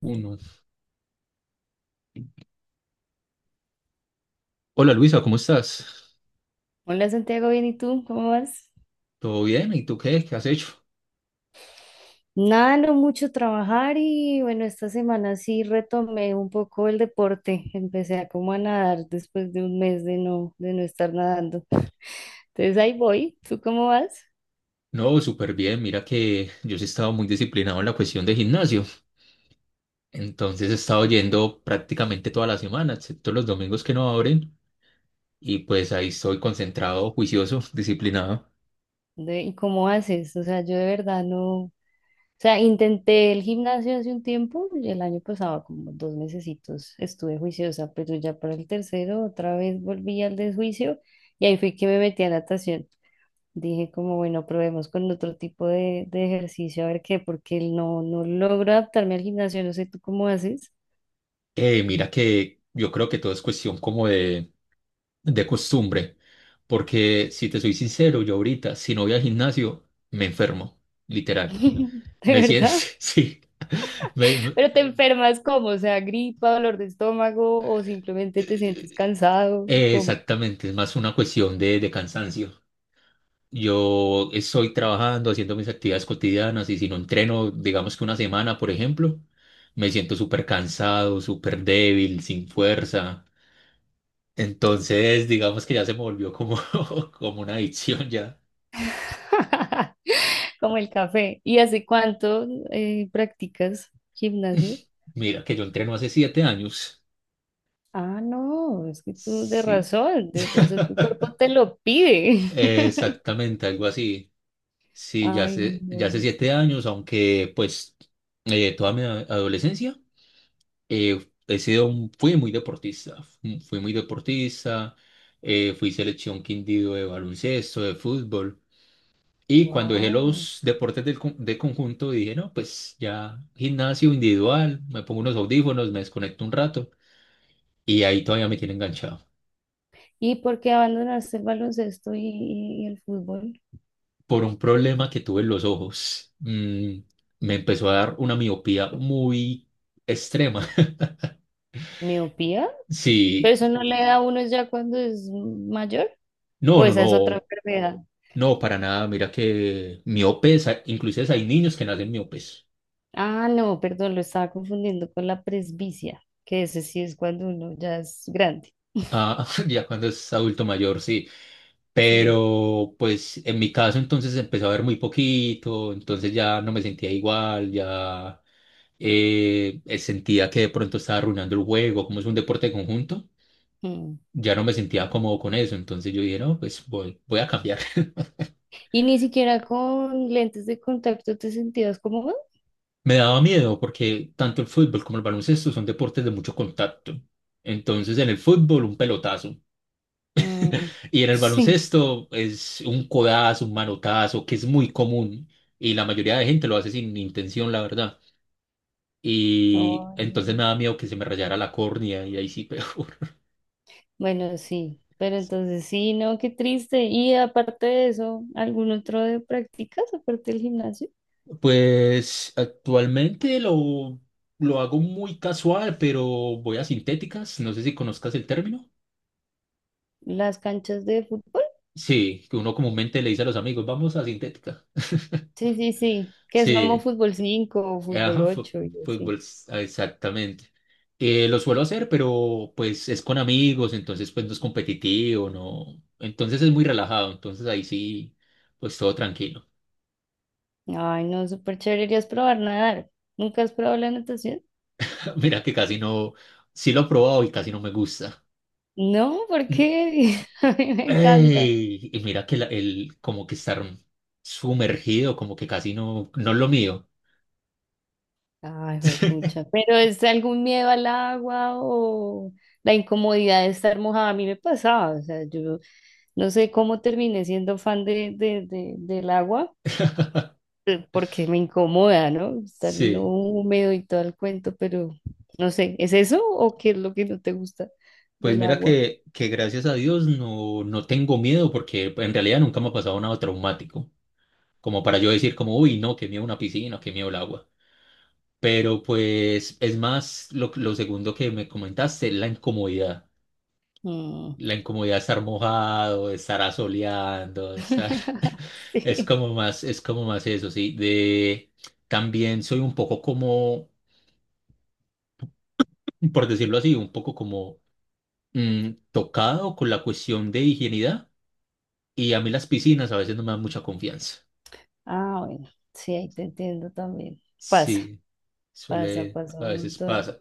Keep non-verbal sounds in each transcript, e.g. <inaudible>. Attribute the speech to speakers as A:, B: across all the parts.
A: Uno. Hola Luisa, ¿cómo estás?
B: Hola Santiago, bien, ¿y tú? ¿Cómo vas?
A: ¿Todo bien? ¿Y tú qué? ¿Qué has hecho?
B: Nada, no mucho trabajar y bueno, esta semana sí retomé un poco el deporte. Empecé a como a nadar después de un mes de no estar nadando. Entonces ahí voy. ¿Tú cómo vas?
A: No, súper bien. Mira que yo sí he estado muy disciplinado en la cuestión de gimnasio. Entonces he estado yendo prácticamente toda la semana, excepto los domingos que no abren. Y pues ahí estoy concentrado, juicioso, <laughs> disciplinado.
B: ¿Y cómo haces? O sea, yo de verdad no. O sea, intenté el gimnasio hace un tiempo, y el año pasado como 2 mesecitos estuve juiciosa, pero ya para el tercero otra vez volví al desjuicio y ahí fue que me metí a natación. Dije como, bueno, probemos con otro tipo de ejercicio, a ver qué, porque no logro adaptarme al gimnasio, no sé tú cómo haces.
A: Mira que yo creo que todo es cuestión como de costumbre. Porque si te soy sincero, yo ahorita, si no voy al gimnasio, me enfermo, literal.
B: <laughs> De
A: Me siento,
B: verdad.
A: <laughs> sí. Me,
B: Pero te Pues, enfermas como, o sea, gripa, dolor de estómago o simplemente te sientes cansado, como.
A: Exactamente, es más una cuestión de cansancio. Yo estoy trabajando, haciendo mis actividades cotidianas y si no entreno, digamos que una semana, por ejemplo, me siento súper cansado, súper débil, sin fuerza. Entonces, digamos que ya se me volvió como, <laughs> como una adicción ya.
B: <laughs> Como el café. ¿Y hace cuánto practicas gimnasio?
A: Mira, que yo entreno hace 7 años.
B: Ah, no, es que tú
A: Sí,
B: de razón, tu cuerpo te lo pide. <laughs>
A: exactamente, algo así. Sí, ya
B: Ay,
A: hace, ya hace
B: no.
A: 7 años, aunque pues toda mi adolescencia. He sido, fui muy deportista, fui selección Quindío de baloncesto, de fútbol, y cuando dejé
B: Wow.
A: los deportes de conjunto dije, no, pues ya gimnasio individual, me pongo unos audífonos, me desconecto un rato, y ahí todavía me tiene enganchado.
B: ¿Y por qué abandonaste el baloncesto y el fútbol?
A: Por un problema que tuve en los ojos, me empezó a dar una miopía muy extrema. <laughs>
B: ¿Miopía? ¿Pero
A: Sí,
B: eso no le da a uno ya cuando es mayor?
A: no,
B: ¿O
A: no,
B: esa es otra
A: no.
B: enfermedad?
A: No, para nada. Mira que miopes, inclusive hay niños que nacen miopes.
B: Ah, no, perdón, lo estaba confundiendo con la presbicia, que ese sí es cuando uno ya es grande.
A: Ah, <laughs> ya cuando es adulto mayor, sí.
B: Sí.
A: Pero pues en mi caso entonces empezó a ver muy poquito, entonces ya no me sentía igual, ya sentía que de pronto estaba arruinando el juego, como es un deporte de conjunto,
B: Mm.
A: ya no me sentía cómodo con eso, entonces yo dije, no, pues voy, a cambiar. <laughs>
B: ¿Y ni siquiera con lentes de contacto te sentías cómodo?
A: Me daba miedo porque tanto el fútbol como el baloncesto son deportes de mucho contacto. Entonces en el fútbol un pelotazo. <laughs>
B: Mm,
A: Y en el
B: sí.
A: baloncesto es un codazo, un manotazo, que es muy común y la mayoría de gente lo hace sin intención, la verdad. Y
B: No,
A: entonces me
B: no.
A: da miedo que se me rayara la córnea y ahí sí peor. <laughs>
B: Bueno, sí. Pero entonces sí, no, qué triste. Y aparte de eso, ¿algún otro de prácticas aparte del gimnasio?
A: Pues actualmente lo hago muy casual, pero voy a sintéticas, no sé si conozcas el término.
B: Las canchas de fútbol.
A: Sí, que uno comúnmente le dice a los amigos, vamos a sintética.
B: Sí, sí, sí. Que es como
A: Sí.
B: fútbol 5, o fútbol
A: Ajá,
B: 8 y así.
A: fútbol, ah, exactamente. Lo suelo hacer, pero pues es con amigos, entonces pues no es competitivo, no. Entonces es muy relajado, entonces ahí sí, pues todo tranquilo.
B: Ay, no, súper chévere. Deberías probar nadar. ¿Nunca has probado la natación?
A: <laughs> Mira que casi no, sí lo he probado y casi no me gusta.
B: No,
A: <clears throat>
B: ¿por
A: Mm,
B: qué? <laughs> A mí me encanta.
A: ey, y mira que el como que estar sumergido, como que casi no, no es lo mío.
B: Ay,
A: <laughs>
B: pucha. Pero es algún miedo al agua o la incomodidad de estar mojada. A mí me pasaba. O sea, yo no sé cómo terminé siendo fan del agua. Porque me incomoda, ¿no? Estar uno
A: Sí,
B: húmedo y todo el cuento, pero no sé, ¿es eso o qué es lo que no te gusta
A: pues
B: del
A: mira
B: agua?
A: que gracias a Dios no, no tengo miedo porque en realidad nunca me ha pasado nada traumático. Como para yo decir como, uy, no, qué miedo una piscina, qué miedo el agua. Pero pues es más lo segundo que me comentaste, la incomodidad.
B: Mm.
A: La incomodidad de estar mojado, de estar asoleando, de estar.
B: <laughs>
A: <laughs>
B: Sí.
A: Es como más eso, sí. De. También soy un poco como, por decirlo así, un poco como tocado con la cuestión de higienidad. Y a mí las piscinas a veces no me dan mucha confianza.
B: Ah, bueno, sí, ahí te entiendo también. Pasa,
A: Sí,
B: pasa,
A: suele,
B: pasa
A: a
B: un
A: veces
B: montón.
A: pasa.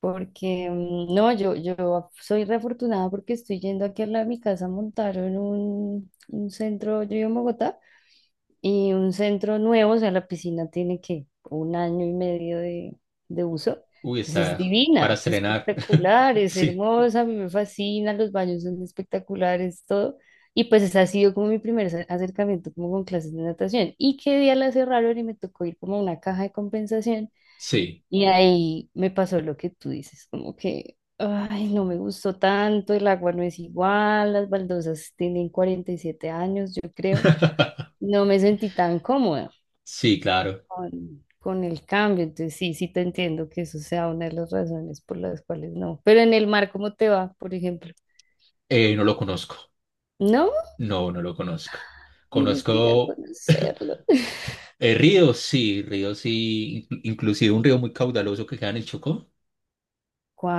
B: Porque no, yo soy re afortunada porque estoy yendo aquí al lado de mi casa, montaron un centro, yo vivo en Bogotá. Y un centro nuevo, o sea, la piscina tiene que un año y medio de uso.
A: Uy,
B: Entonces es
A: esa
B: divina,
A: para
B: es
A: estrenar. <laughs>
B: espectacular, es
A: Sí,
B: hermosa, a mí me fascina, los baños son espectaculares, todo. Y pues ese ha sido como mi primer acercamiento como con clases de natación. Y qué día la cerraron y me tocó ir como a una caja de compensación.
A: sí.
B: Y ahí me pasó lo que tú dices, como que, ay, no me gustó tanto, el agua no es igual, las baldosas tienen 47 años, yo creo.
A: <laughs>
B: No me sentí tan cómoda
A: Sí, claro.
B: con el cambio. Entonces, sí, sí te entiendo que eso sea una de las razones por las cuales no. Pero en el mar, ¿cómo te va, por ejemplo?
A: No lo conozco.
B: No,
A: No, no lo conozco.
B: tienes que ir a
A: Conozco
B: conocerlo. <laughs>
A: ríos, sí, ríos, sí. Inclusive un río muy caudaloso que queda en el Chocó.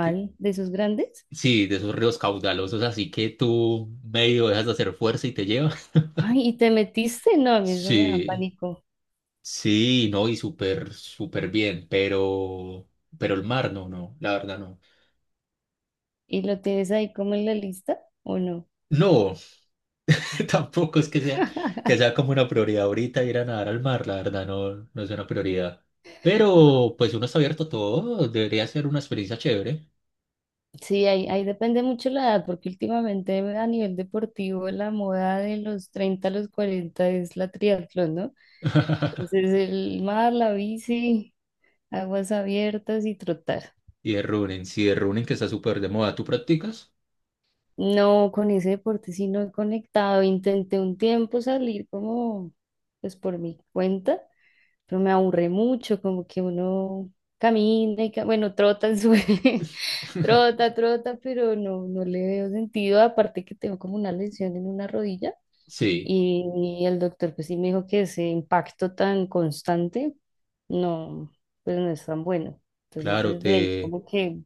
A: que-
B: de esos grandes?
A: sí, de esos ríos caudalosos, así que tú medio dejas de hacer fuerza y te lleva. <laughs>
B: Ay, ¿y te metiste? No, a mí eso me da
A: Sí,
B: pánico.
A: sí, no, y súper, súper bien, pero el mar, no, no, la verdad no.
B: ¿Y lo tienes ahí como en la lista o no?
A: No. <laughs> Tampoco es que sea, que
B: <laughs>
A: sea como una prioridad ahorita ir a nadar al mar, la verdad, no, no es una prioridad. Pero pues uno está abierto a todo, debería ser una experiencia chévere.
B: Sí, ahí depende mucho la edad, porque últimamente a nivel deportivo la moda de los 30 a los 40 es la triatlón, ¿no?
A: <laughs>
B: Entonces el mar, la bici, aguas abiertas y trotar.
A: Y de running, sí, de running que está súper de moda, ¿tú practicas?
B: No, con ese deporte sí no he conectado. Intenté un tiempo salir como, pues por mi cuenta, pero me aburre mucho, como que uno camina y, bueno, trota en su. <laughs>
A: <laughs>
B: Trota, trota, pero no le veo sentido. Aparte que tengo como una lesión en una rodilla
A: Sí,
B: y, y el doctor pues sí me dijo que ese impacto tan constante no, pues no es tan bueno. Entonces
A: claro,
B: desde ahí
A: te
B: como que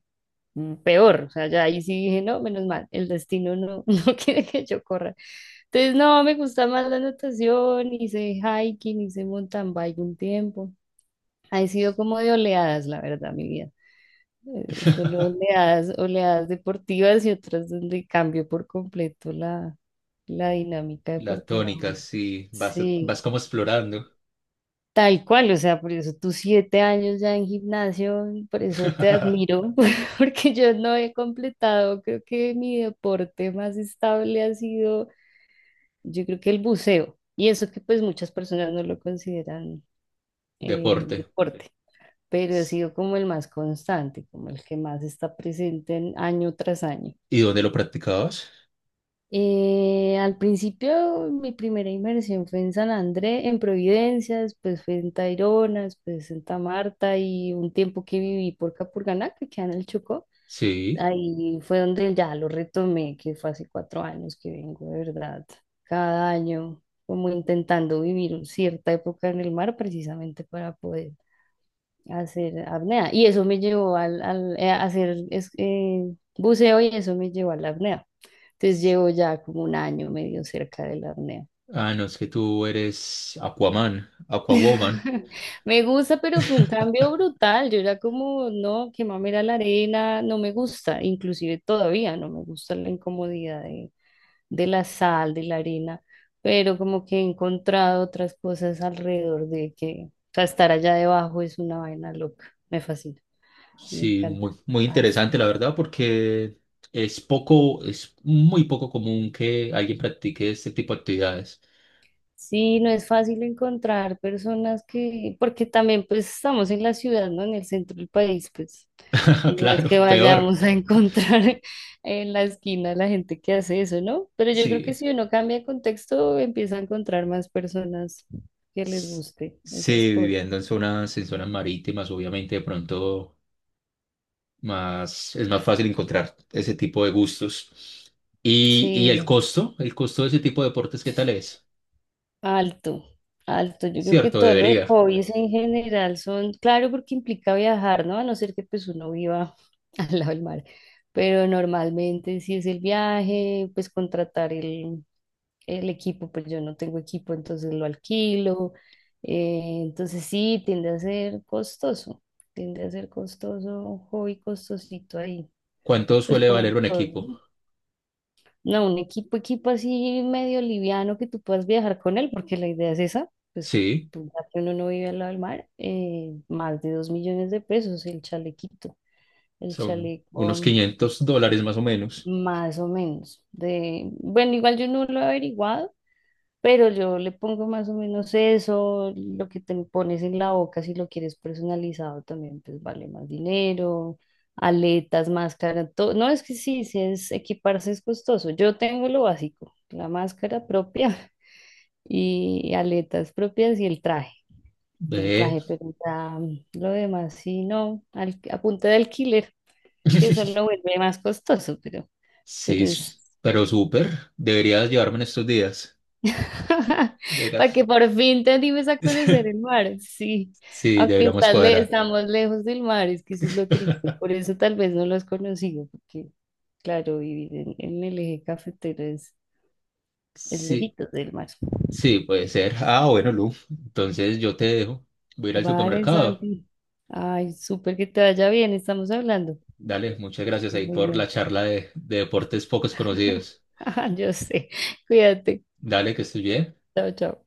B: peor. O sea, ya ahí sí dije, no, menos mal, el destino no, <laughs> no quiere que yo corra. Entonces, no, me gusta más la natación, hice hiking, hice mountain bike un tiempo. Ha sido como de oleadas, la verdad, mi vida. Solo oleadas, oleadas deportivas y otras donde cambio por completo la dinámica
A: la
B: deportiva.
A: tónica, sí, vas
B: Sí.
A: como explorando
B: Tal cual, o sea, por eso tus 7 años ya en gimnasio, por eso te admiro, <laughs> porque yo no he completado, creo que mi deporte más estable ha sido, yo creo que el buceo, y eso que pues muchas personas no lo consideran
A: deporte.
B: deporte, pero ha
A: S-
B: sido como el más constante, como el que más está presente en año tras año.
A: ¿Y dónde lo practicabas?
B: Al principio mi primera inversión fue en San Andrés, en Providencia, después fue en Tayrona, después en Santa Marta y un tiempo que viví por Capurganá, que queda en el Chocó.
A: Sí.
B: Ahí fue donde ya lo retomé, que fue hace 4 años que vengo, de verdad, cada año como intentando vivir cierta época en el mar precisamente para poder hacer apnea. Y eso me llevó a hacer buceo y eso me llevó a la apnea. Entonces
A: S-
B: llevo ya como un año medio cerca de la apnea.
A: Ah, no, es que tú eres Aquaman, Aquawoman.
B: <laughs> Me gusta, pero fue un cambio brutal. Yo era como, no, que mamera la arena, no me gusta, inclusive todavía no me gusta la incomodidad de la sal, de la arena, pero como que he encontrado otras cosas alrededor de que, o sea, estar allá debajo es una vaina loca, me fascina, me
A: Sí,
B: encanta.
A: muy, muy interesante, la verdad, porque es poco, es muy poco común que alguien practique este tipo de actividades.
B: Sí, no es fácil encontrar personas que, porque también pues estamos en la ciudad, ¿no? En el centro del país, pues
A: <laughs>
B: no es
A: Claro,
B: que
A: peor.
B: vayamos a encontrar <laughs> en la esquina la gente que hace eso, ¿no? Pero yo creo que
A: Sí,
B: si uno cambia de contexto, empieza a encontrar más personas que les
A: s-
B: guste esas
A: sí, viviendo
B: cosas.
A: en zonas, marítimas, obviamente, de pronto más, es más fácil encontrar ese tipo de gustos. Y el
B: Sí.
A: costo, el costo de ese tipo de deportes, ¿qué tal es?
B: Alto, alto. Yo creo que
A: Cierto,
B: todos los
A: debería.
B: hobbies en general son, claro, porque implica viajar, ¿no? A no ser que pues uno viva <laughs> al lado del mar. Pero normalmente si es el viaje, pues contratar el equipo, pues yo no tengo equipo, entonces lo alquilo. Entonces sí, tiende a ser costoso, tiende a ser costoso, un hobby costosito ahí,
A: ¿Cuánto
B: pues
A: suele
B: como
A: valer un
B: todo,
A: equipo?
B: ¿no? No, un equipo, equipo así medio liviano que tú puedas viajar con él, porque la idea es esa, pues
A: Sí,
B: tú, ya que uno no vive al lado del mar, más de 2 millones de pesos el chalequito, el
A: son unos
B: chaleco
A: $500 más o menos.
B: más o menos. Bueno, igual yo no lo he averiguado, pero yo le pongo más o menos eso, lo que te pones en la boca, si lo quieres personalizado también, pues vale más dinero, aletas, máscara, todo. No, es que sí, sí es equiparse es costoso. Yo tengo lo básico, la máscara propia <laughs> y aletas propias y el
A: Ve.
B: traje, pero ya lo demás sí, no, a punta de alquiler, que eso
A: <laughs>
B: lo vuelve más costoso, pero,
A: Sí,
B: pero es.
A: pero súper. Deberías llevarme en estos días.
B: <laughs> Para que
A: Deberías.
B: por fin te animes a conocer el
A: <laughs>
B: mar, sí.
A: Sí,
B: Aunque
A: deberíamos cuadrar.
B: estamos lejos del mar, es que eso es lo triste.
A: <laughs>
B: Por eso tal vez no lo has conocido, porque claro, vivir en el eje cafetero es,
A: Sí,
B: lejitos del mar.
A: sí, puede ser. Ah, bueno, Lu. Entonces yo te dejo. Voy a ir al
B: Vale,
A: supermercado.
B: Santi. Ay, súper que te vaya bien, estamos hablando.
A: Dale, muchas gracias ahí por la
B: Bueno,
A: charla de deportes pocos conocidos.
B: <laughs> yo sé. Cuídate.
A: Dale, que estés bien.
B: Chao, chao.